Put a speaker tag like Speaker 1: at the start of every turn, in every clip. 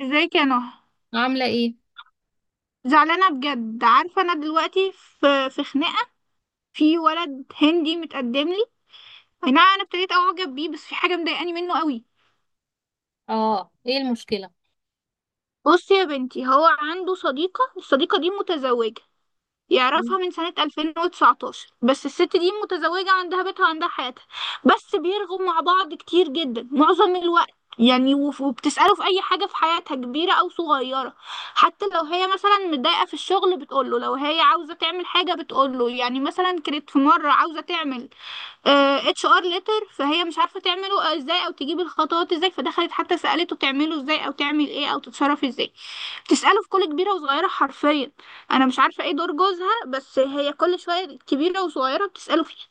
Speaker 1: ازيك يا نهى؟
Speaker 2: عاملة ايه؟
Speaker 1: زعلانه بجد، عارفه انا دلوقتي في خناقه. في ولد هندي متقدم لي. اي نعم انا ابتديت اعجب بيه، بس في حاجه مضايقاني منه قوي.
Speaker 2: اه ايه المشكلة؟
Speaker 1: بصي يا بنتي، هو عنده صديقه، الصديقه دي متزوجه،
Speaker 2: مم.
Speaker 1: يعرفها من سنة 2019، بس الست دي متزوجة عندها بيتها وعندها حياتها. بس بيرغوا مع بعض كتير جدا معظم الوقت، يعني وبتسأله في أي حاجة في حياتها كبيرة أو صغيرة. حتى لو هي مثلا متضايقة في الشغل بتقوله، لو هي عاوزة تعمل حاجة بتقوله، يعني مثلا كانت في مرة عاوزة تعمل HR ليتر، فهي مش عارفة تعمله ازاي أو تجيب الخطوات ازاي، فدخلت حتى سألته تعمله ازاي أو تعمل ايه أو تتصرف ازاي. تسأله في كل كبيرة وصغيرة حرفيا. أنا مش عارفة إيه دور جوزها، بس هي كل شوية كبيرة وصغيرة بتسأله فيه.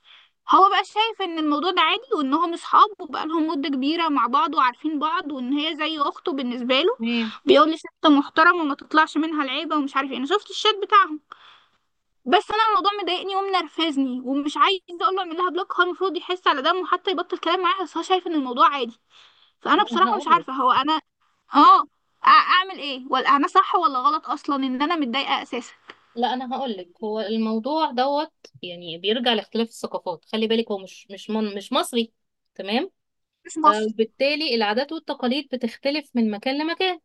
Speaker 1: هو بقى شايف إن الموضوع ده عادي وإنهم أصحاب وبقالهم مدة كبيرة مع بعض وعارفين بعض وإن هي زي أخته بالنسبة له.
Speaker 2: تمام.
Speaker 1: بيقول لي ست محترمة وما تطلعش منها العيبة ومش عارف إيه، أنا شفت الشات بتاعهم. بس أنا الموضوع مضايقني ومنرفزني ومش عايزة أقول له أعمل لها بلوك، هو المفروض يحس على دمه وحتى يبطل كلام معاها، بس هو شايف إن الموضوع عادي. فانا
Speaker 2: انا
Speaker 1: بصراحه مش
Speaker 2: هقولك.
Speaker 1: عارفه هو انا اعمل ايه، ولا انا صح ولا غلط اصلا ان انا متضايقه اساسا.
Speaker 2: لا انا هقولك، هو الموضوع دوت. يعني بيرجع لاختلاف الثقافات، خلي بالك هو مش مصري. تمام.
Speaker 1: مش مصر.
Speaker 2: بالتالي العادات والتقاليد بتختلف من مكان لمكان.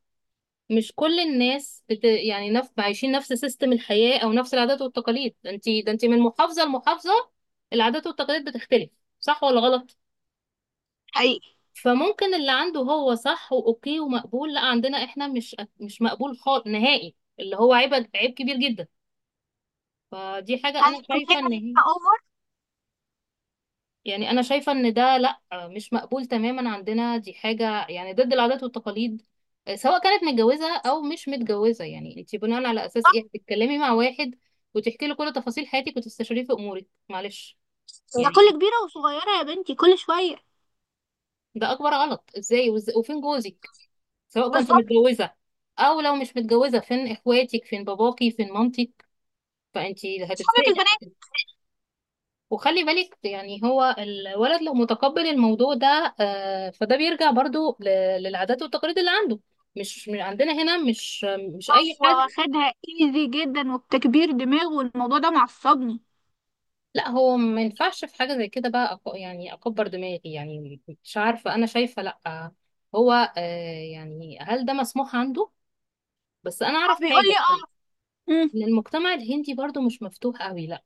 Speaker 2: مش كل الناس عايشين نفس سيستم الحياة او نفس العادات والتقاليد، ده انت من محافظة لمحافظة، العادات والتقاليد بتختلف، صح ولا غلط؟
Speaker 1: حقيقي.
Speaker 2: فممكن اللي عنده هو صح واوكي ومقبول، لا عندنا احنا مش مقبول خالص نهائي، اللي هو عيب عيب كبير جدا. فدي حاجة
Speaker 1: هل
Speaker 2: انا
Speaker 1: انا
Speaker 2: شايفة
Speaker 1: دايما
Speaker 2: ان هي.
Speaker 1: ببقى اوفر؟
Speaker 2: يعني انا شايفة ان ده لا، مش مقبول تماما عندنا، دي حاجة يعني ضد العادات والتقاليد، سواء كانت متجوزة او مش متجوزة. يعني انت بناء على اساس ايه بتتكلمي مع واحد وتحكي له كل تفاصيل حياتك وتستشيريه في امورك، معلش
Speaker 1: ده كل
Speaker 2: يعني.
Speaker 1: كبيره وصغيره يا بنتي، كل شويه.
Speaker 2: ده اكبر غلط، ازاي وفين جوزك سواء كنت
Speaker 1: بالظبط.
Speaker 2: متجوزة، أو لو مش متجوزة فين إخواتك، فين باباكي، فين مامتك؟ فأنت
Speaker 1: اصحابك
Speaker 2: هتتسألي.
Speaker 1: البنات.
Speaker 2: وخلي بالك يعني هو الولد لو متقبل الموضوع ده فده بيرجع برضو للعادات والتقاليد اللي عنده، مش من عندنا هنا، مش أي
Speaker 1: هو
Speaker 2: حد.
Speaker 1: واخدها ايزي جدا وبتكبير دماغ والموضوع ده معصبني.
Speaker 2: لا هو ما ينفعش في حاجة زي كده بقى، يعني أكبر دماغي، يعني مش عارفة، أنا شايفة لا. هو يعني هل ده مسموح عنده؟ بس أنا
Speaker 1: اه
Speaker 2: أعرف
Speaker 1: بيقول لي
Speaker 2: حاجة،
Speaker 1: اه. مم.
Speaker 2: إن المجتمع الهندي برضو مش مفتوح قوي لا.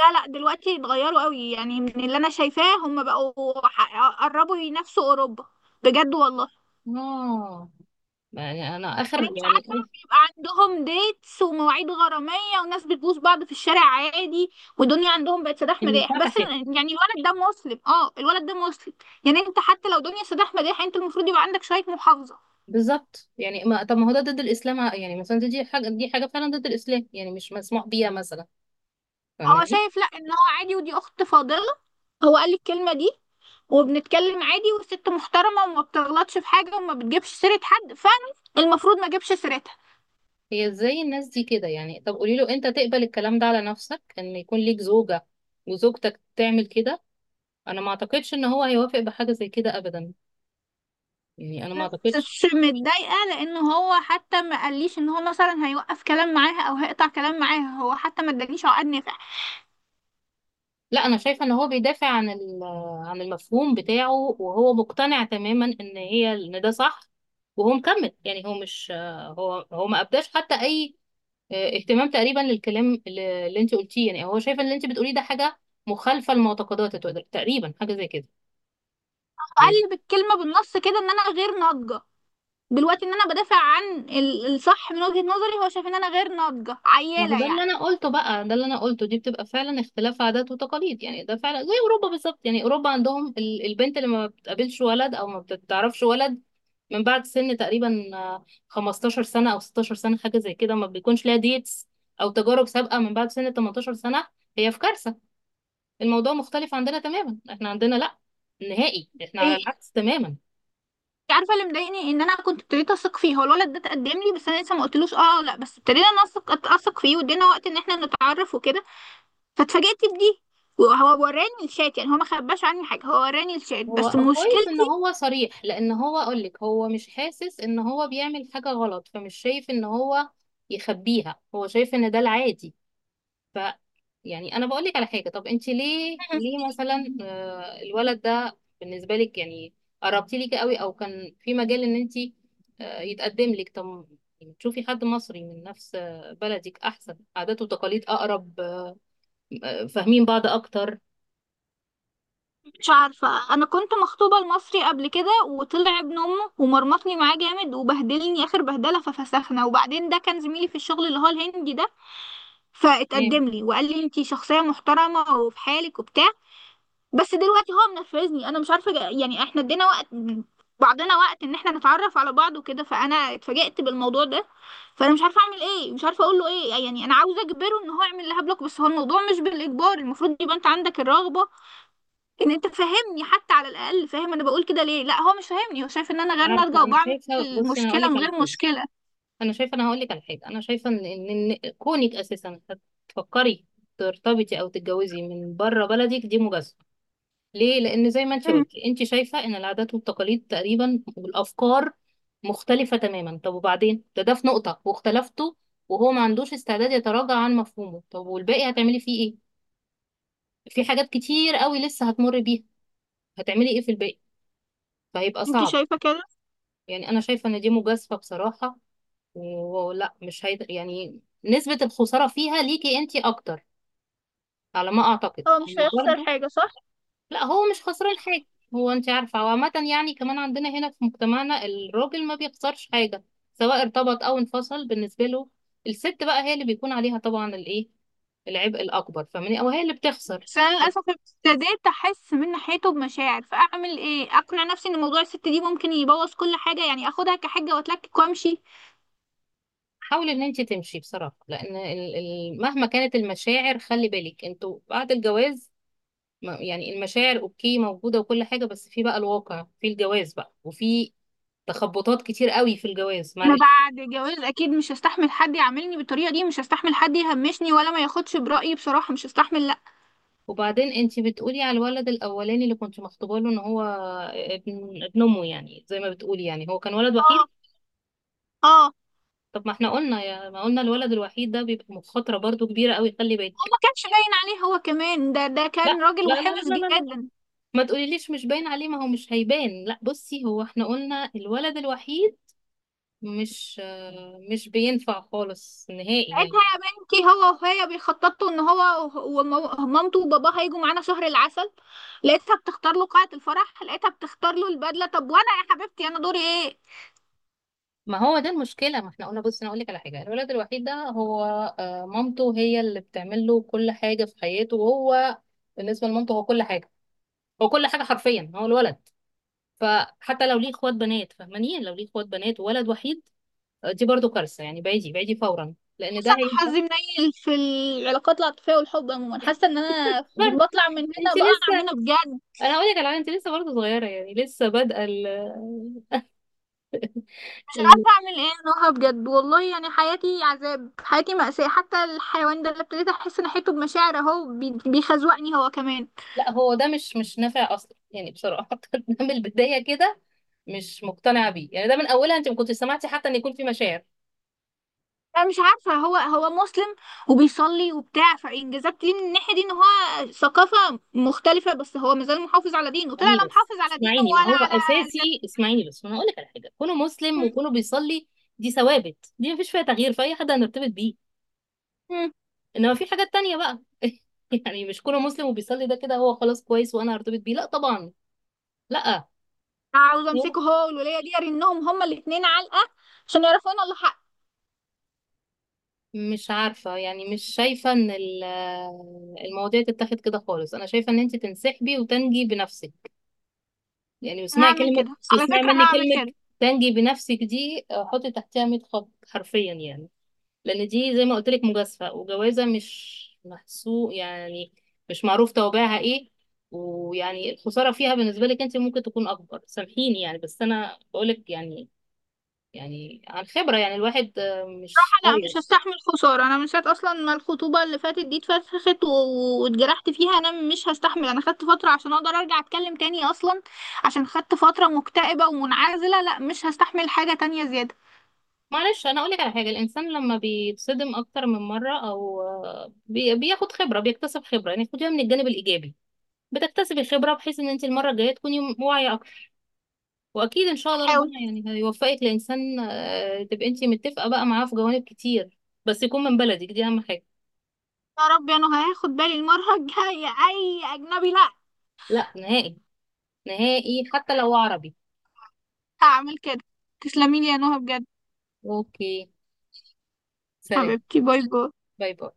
Speaker 1: لا لا دلوقتي اتغيروا قوي، يعني من اللي انا شايفاه هم بقوا قربوا ينافسوا اوروبا. بجد والله.
Speaker 2: اه. يعني انا
Speaker 1: يعني
Speaker 2: اخر
Speaker 1: انت
Speaker 2: يعني
Speaker 1: عارفه
Speaker 2: إيه؟
Speaker 1: بيبقى عندهم ديتس ومواعيد غراميه وناس بتبوس بعض في الشارع عادي، والدنيا عندهم بقت سداح مداح بس.
Speaker 2: انفتحت.
Speaker 1: يعني الولد ده مسلم، اه الولد ده مسلم. يعني انت حتى لو دنيا سداح مداح انت المفروض يبقى عندك شويه محافظه.
Speaker 2: بالظبط. يعني ما طب ما هو ده ضد الاسلام، يعني مثلا دي حاجه فعلا ضد الاسلام، يعني مش مسموح بيها مثلا.
Speaker 1: هو
Speaker 2: فاهماني؟
Speaker 1: شايف لا ان هو عادي ودي اخت فاضله، هو قال لي الكلمه دي. وبنتكلم عادي والست محترمه وما بتغلطش في حاجه وما بتجيبش سيره حد، فانا المفروض ما اجيبش سيرتها.
Speaker 2: هي ازاي الناس دي كده؟ يعني طب قولي له انت تقبل الكلام ده على نفسك ان يكون ليك زوجه وزوجتك تعمل كده؟ انا ما اعتقدش ان هو هيوافق بحاجه زي كده ابدا، يعني انا ما
Speaker 1: بس
Speaker 2: اعتقدش.
Speaker 1: متضايقة لأنه هو حتى ما قاليش إن هو مثلا هيوقف كلام معاها أو هيقطع كلام معاها، هو حتى ما ادانيش عقد نافع.
Speaker 2: لا انا شايفه ان هو بيدافع عن عن المفهوم بتاعه، وهو مقتنع تماما ان هي ان ده صح، وهو مكمل. يعني هو مش، هو ما ابداش حتى اي اهتمام تقريبا للكلام اللي انت قلتيه. يعني هو شايف ان اللي انت بتقوليه ده حاجه مخالفه لمعتقداته تقريبا، حاجه زي كده يعني.
Speaker 1: قال بالكلمة بالنص كده إن أنا غير ناضجة دلوقتي، إن أنا بدافع عن الصح من وجهة نظري، هو شايف إن أنا غير ناضجة
Speaker 2: ما هو
Speaker 1: عيالة
Speaker 2: ده اللي
Speaker 1: يعني.
Speaker 2: انا قلته بقى، ده اللي انا قلته دي بتبقى فعلا اختلاف عادات وتقاليد، يعني ده فعلا زي اوروبا بالظبط. يعني اوروبا عندهم البنت اللي ما بتقابلش ولد او ما بتعرفش ولد من بعد سن تقريبا 15 سنة او 16 سنة حاجة زي كده، ما بيكونش ليها ديتس او تجارب سابقة. من بعد سن 18 سنة هي في كارثة. الموضوع مختلف عندنا تماما، احنا عندنا لا نهائي، احنا
Speaker 1: إيه؟
Speaker 2: على العكس تماما.
Speaker 1: إنت عارفة اللي مضايقني إن أنا كنت ابتديت أثق فيه، هو الولد ده اتقدم لي بس أنا لسه ما قلتلوش أه أو لأ، بس ابتدينا أثق فيه وادينا وقت إن إحنا نتعرف وكده، فاتفاجئت بدي. وهو وراني الشات، يعني هو ما خباش عني حاجة، هو وراني الشات، بس
Speaker 2: هو كويس ان
Speaker 1: مشكلتي.
Speaker 2: هو صريح، لان هو اقولك هو مش حاسس ان هو بيعمل حاجة غلط، فمش شايف ان هو يخبيها، هو شايف ان ده العادي. ف يعني انا بقولك على حاجة، طب انت ليه مثلا الولد ده بالنسبة لك يعني قربتي ليكي قوي او كان في مجال ان انت يتقدم لك؟ طب يعني تشوفي حد مصري من نفس بلدك، احسن، عادات وتقاليد اقرب، فاهمين بعض اكتر.
Speaker 1: مش عارفة، أنا كنت مخطوبة لمصري قبل كده وطلع ابن أمه ومرمطني معاه جامد وبهدلني آخر بهدلة ففسخنا، وبعدين ده كان زميلي في الشغل اللي هو الهندي ده،
Speaker 2: تمام.
Speaker 1: فاتقدم لي وقال لي انتي شخصية محترمة وفي حالك وبتاع. بس دلوقتي هو منرفزني، أنا مش عارفة يعني احنا ادينا وقت بعضنا وقت إن احنا نتعرف على بعض وكده، فأنا اتفاجئت بالموضوع ده. فأنا مش عارفة أعمل إيه، مش عارفة أقول له إيه، يعني أنا عاوزة أجبره إن هو يعمل لها بلوك، بس هو الموضوع مش بالإجبار، المفروض يبقى أنت عندك الرغبة ان انت فاهمني حتى، على الاقل فاهم انا بقول كده ليه. لا هو مش فاهمني، هو شايف ان انا غير ناضجه
Speaker 2: عارفة، انا
Speaker 1: وبعمل
Speaker 2: شايفة، بصي انا
Speaker 1: مشكله
Speaker 2: اقولك
Speaker 1: من
Speaker 2: على
Speaker 1: غير
Speaker 2: حاجة،
Speaker 1: مشكله.
Speaker 2: انا شايفه، انا هقول لك على حاجه، انا شايفه ان إن كونك اساسا تفكري ترتبطي او تتجوزي من بره بلدك دي مجازفه، ليه؟ لان زي ما انت
Speaker 1: مم.
Speaker 2: قلتي انت شايفه ان العادات والتقاليد تقريبا والافكار مختلفه تماما، طب وبعدين ده في نقطه واختلفتوا وهو ما عندوش استعداد يتراجع عن مفهومه، طب والباقي هتعملي فيه ايه؟ في حاجات كتير قوي لسه هتمر بيها، هتعملي ايه في الباقي؟ فهيبقى
Speaker 1: انت
Speaker 2: صعب.
Speaker 1: شايفه كده؟
Speaker 2: يعني انا شايفه ان دي مجازفه بصراحه، ولا مش هيد... يعني نسبة الخسارة فيها ليكي انتي اكتر على ما اعتقد
Speaker 1: هو مش
Speaker 2: يعني
Speaker 1: هيخسر
Speaker 2: برضو.
Speaker 1: حاجه صح؟
Speaker 2: لا هو مش خسران حاجة. هو انتي عارفة، وعامة يعني كمان عندنا هنا في مجتمعنا الراجل ما بيخسرش حاجة سواء ارتبط او انفصل، بالنسبة له. الست بقى هي اللي بيكون عليها طبعا الايه، العبء الاكبر، فاهماني؟ او هي اللي بتخسر.
Speaker 1: بس انا للاسف ابتديت احس من ناحيته بمشاعر، فاعمل ايه، اقنع نفسي ان موضوع الست دي ممكن يبوظ كل حاجه يعني، اخدها كحجه واتلكك وامشي.
Speaker 2: حاولي ان انتي تمشي بصراحة، لان مهما كانت المشاعر، خلي بالك انتوا بعد الجواز يعني المشاعر اوكي موجودة وكل حاجة، بس في بقى الواقع في الجواز بقى، وفي تخبطات كتير قوي في الجواز،
Speaker 1: انا
Speaker 2: معلش.
Speaker 1: بعد جواز اكيد مش هستحمل حد يعاملني بالطريقه دي، مش هستحمل حد يهمشني ولا ما ياخدش برايي بصراحه، مش هستحمل لا.
Speaker 2: وبعدين انتي بتقولي على الولد الاولاني اللي كنت مخطوبه له ان هو ابن امه يعني زي ما بتقولي، يعني هو كان ولد وحيد.
Speaker 1: اه. اه هو
Speaker 2: طب ما احنا قلنا يا ما قلنا الولد الوحيد ده بيبقى مخاطرة برضو كبيرة قوي، خلي بالك.
Speaker 1: ما كانش باين عليه هو كمان، ده
Speaker 2: لا،
Speaker 1: كان راجل
Speaker 2: لا، لا،
Speaker 1: وحمص
Speaker 2: لا، لا، لا،
Speaker 1: جدا.
Speaker 2: ما تقوليليش مش باين عليه، ما هو مش هيبان. لا بصي هو احنا قلنا الولد الوحيد مش مش بينفع خالص نهائي يعني.
Speaker 1: ساعتها يا بنتي هو وهي بيخططوا ان هو مامته وباباه هيجوا معانا شهر العسل. لقيتها بتختار له قاعة الفرح، لقيتها بتختار له البدلة، طب وانا يا حبيبتي انا دوري ايه؟
Speaker 2: ما هو ده المشكله، ما احنا قلنا بص، انا اقول لك على حاجه، الولد الوحيد ده هو مامته هي اللي بتعمل له كل حاجه في حياته، وهو بالنسبه لمامته هو كل حاجه، هو كل حاجه حرفيا، هو الولد. فحتى لو ليه اخوات بنات، فاهماني؟ لو ليه اخوات بنات وولد وحيد دي برضو كارثه يعني. بعيدي بعيدي فورا، لان ده
Speaker 1: حاسه ان
Speaker 2: هيبقى.
Speaker 1: حظي منيل في العلاقات العاطفية والحب عموما، حاسه ان انا بطلع من هنا
Speaker 2: انت
Speaker 1: بقع
Speaker 2: لسه،
Speaker 1: هنا بجد.
Speaker 2: انا هقول لك على حاجة، انت لسه برضه صغيره، يعني لسه بادئه.
Speaker 1: مش
Speaker 2: ال-
Speaker 1: عارفة اعمل ايه نهى بجد والله، يعني حياتي عذاب حياتي مأساة، حتى الحيوان ده اللي ابتديت احس ان حيته بمشاعر اهو بيخزوقني هو كمان.
Speaker 2: لا هو ده مش نافع اصلا يعني بصراحه. ده من البدايه كده مش مقتنعه بيه، يعني ده من اولها انت ما كنتش سمعتي حتى ان يكون في مشاعر.
Speaker 1: انا مش عارفه هو مسلم وبيصلي وبتاع، فانجازات ليه من الناحيه دي ان هو ثقافه مختلفه، بس هو مازال محافظ على دينه، طلع
Speaker 2: اسمعيني
Speaker 1: لا
Speaker 2: بس،
Speaker 1: محافظ على دينه
Speaker 2: اسمعيني ما
Speaker 1: ولا
Speaker 2: هو
Speaker 1: على
Speaker 2: اساسي،
Speaker 1: ذاته.
Speaker 2: اسمعيني بس وانا هقول لك على حاجه. كونه مسلم
Speaker 1: م-
Speaker 2: وكونه بيصلي، دي ثوابت، دي ما فيش فيها تغيير فاي حد هنرتبط بيه.
Speaker 1: م.
Speaker 2: انما في حاجات تانية بقى. يعني مش كونه مسلم وبيصلي ده كده هو خلاص كويس وانا هرتبط بيه، لا طبعا، لا.
Speaker 1: عاوز امسكه هو والوليه دي ارنهم هما الاثنين علقه عشان يعرفوا ان الله حق.
Speaker 2: مش عارفة، يعني مش شايفة ان المواضيع تتاخد كده خالص، انا شايفة ان انت تنسحبي وتنجي بنفسك. يعني
Speaker 1: أنا
Speaker 2: اسمعي
Speaker 1: هعمل
Speaker 2: كلمة
Speaker 1: كده على
Speaker 2: واسمعي
Speaker 1: فكره،
Speaker 2: مني
Speaker 1: هعمل
Speaker 2: كلمة،
Speaker 1: كده.
Speaker 2: تنجي بنفسك دي حطي تحتها 100 خط حرفيا يعني. لأن دي زي ما قلت لك مجازفة وجوازة مش محسوب يعني، مش معروف توابعها ايه، ويعني الخسارة فيها بالنسبة لك انت ممكن تكون أكبر، سامحيني يعني بس أنا بقولك، يعني يعني عن خبرة، يعني الواحد مش
Speaker 1: لا
Speaker 2: صغير.
Speaker 1: مش هستحمل خسارة، أنا من ساعة أصلا ما الخطوبة اللي فاتت دي اتفسخت واتجرحت فيها أنا مش هستحمل. أنا خدت فترة عشان أقدر أرجع أتكلم تاني أصلا، عشان خدت فترة مكتئبة ومنعزلة، لا مش هستحمل حاجة تانية زيادة.
Speaker 2: معلش أنا أقولك على حاجة، الإنسان لما بيتصدم أكتر من مرة أو بياخد خبرة، بيكتسب خبرة يعني، خديها من الجانب الإيجابي، بتكتسبي خبرة بحيث ان انت المرة الجاية تكوني واعية اكتر، واكيد ان شاء الله
Speaker 1: هحاول.
Speaker 2: ربنا يعني هيوفقك لانسان تبقي انت متفقة بقى معاه في جوانب كتير، بس يكون من بلدك، دي اهم حاجة.
Speaker 1: يا رب يا نهى، هاخد بالي المرة الجاية أي أجنبي لا.
Speaker 2: لا نهائي، نهائي حتى لو عربي.
Speaker 1: هعمل كده. تسلميلي يا نهى بجد،
Speaker 2: اوكي، سلام،
Speaker 1: حبيبتي، باي باي.
Speaker 2: باي باي.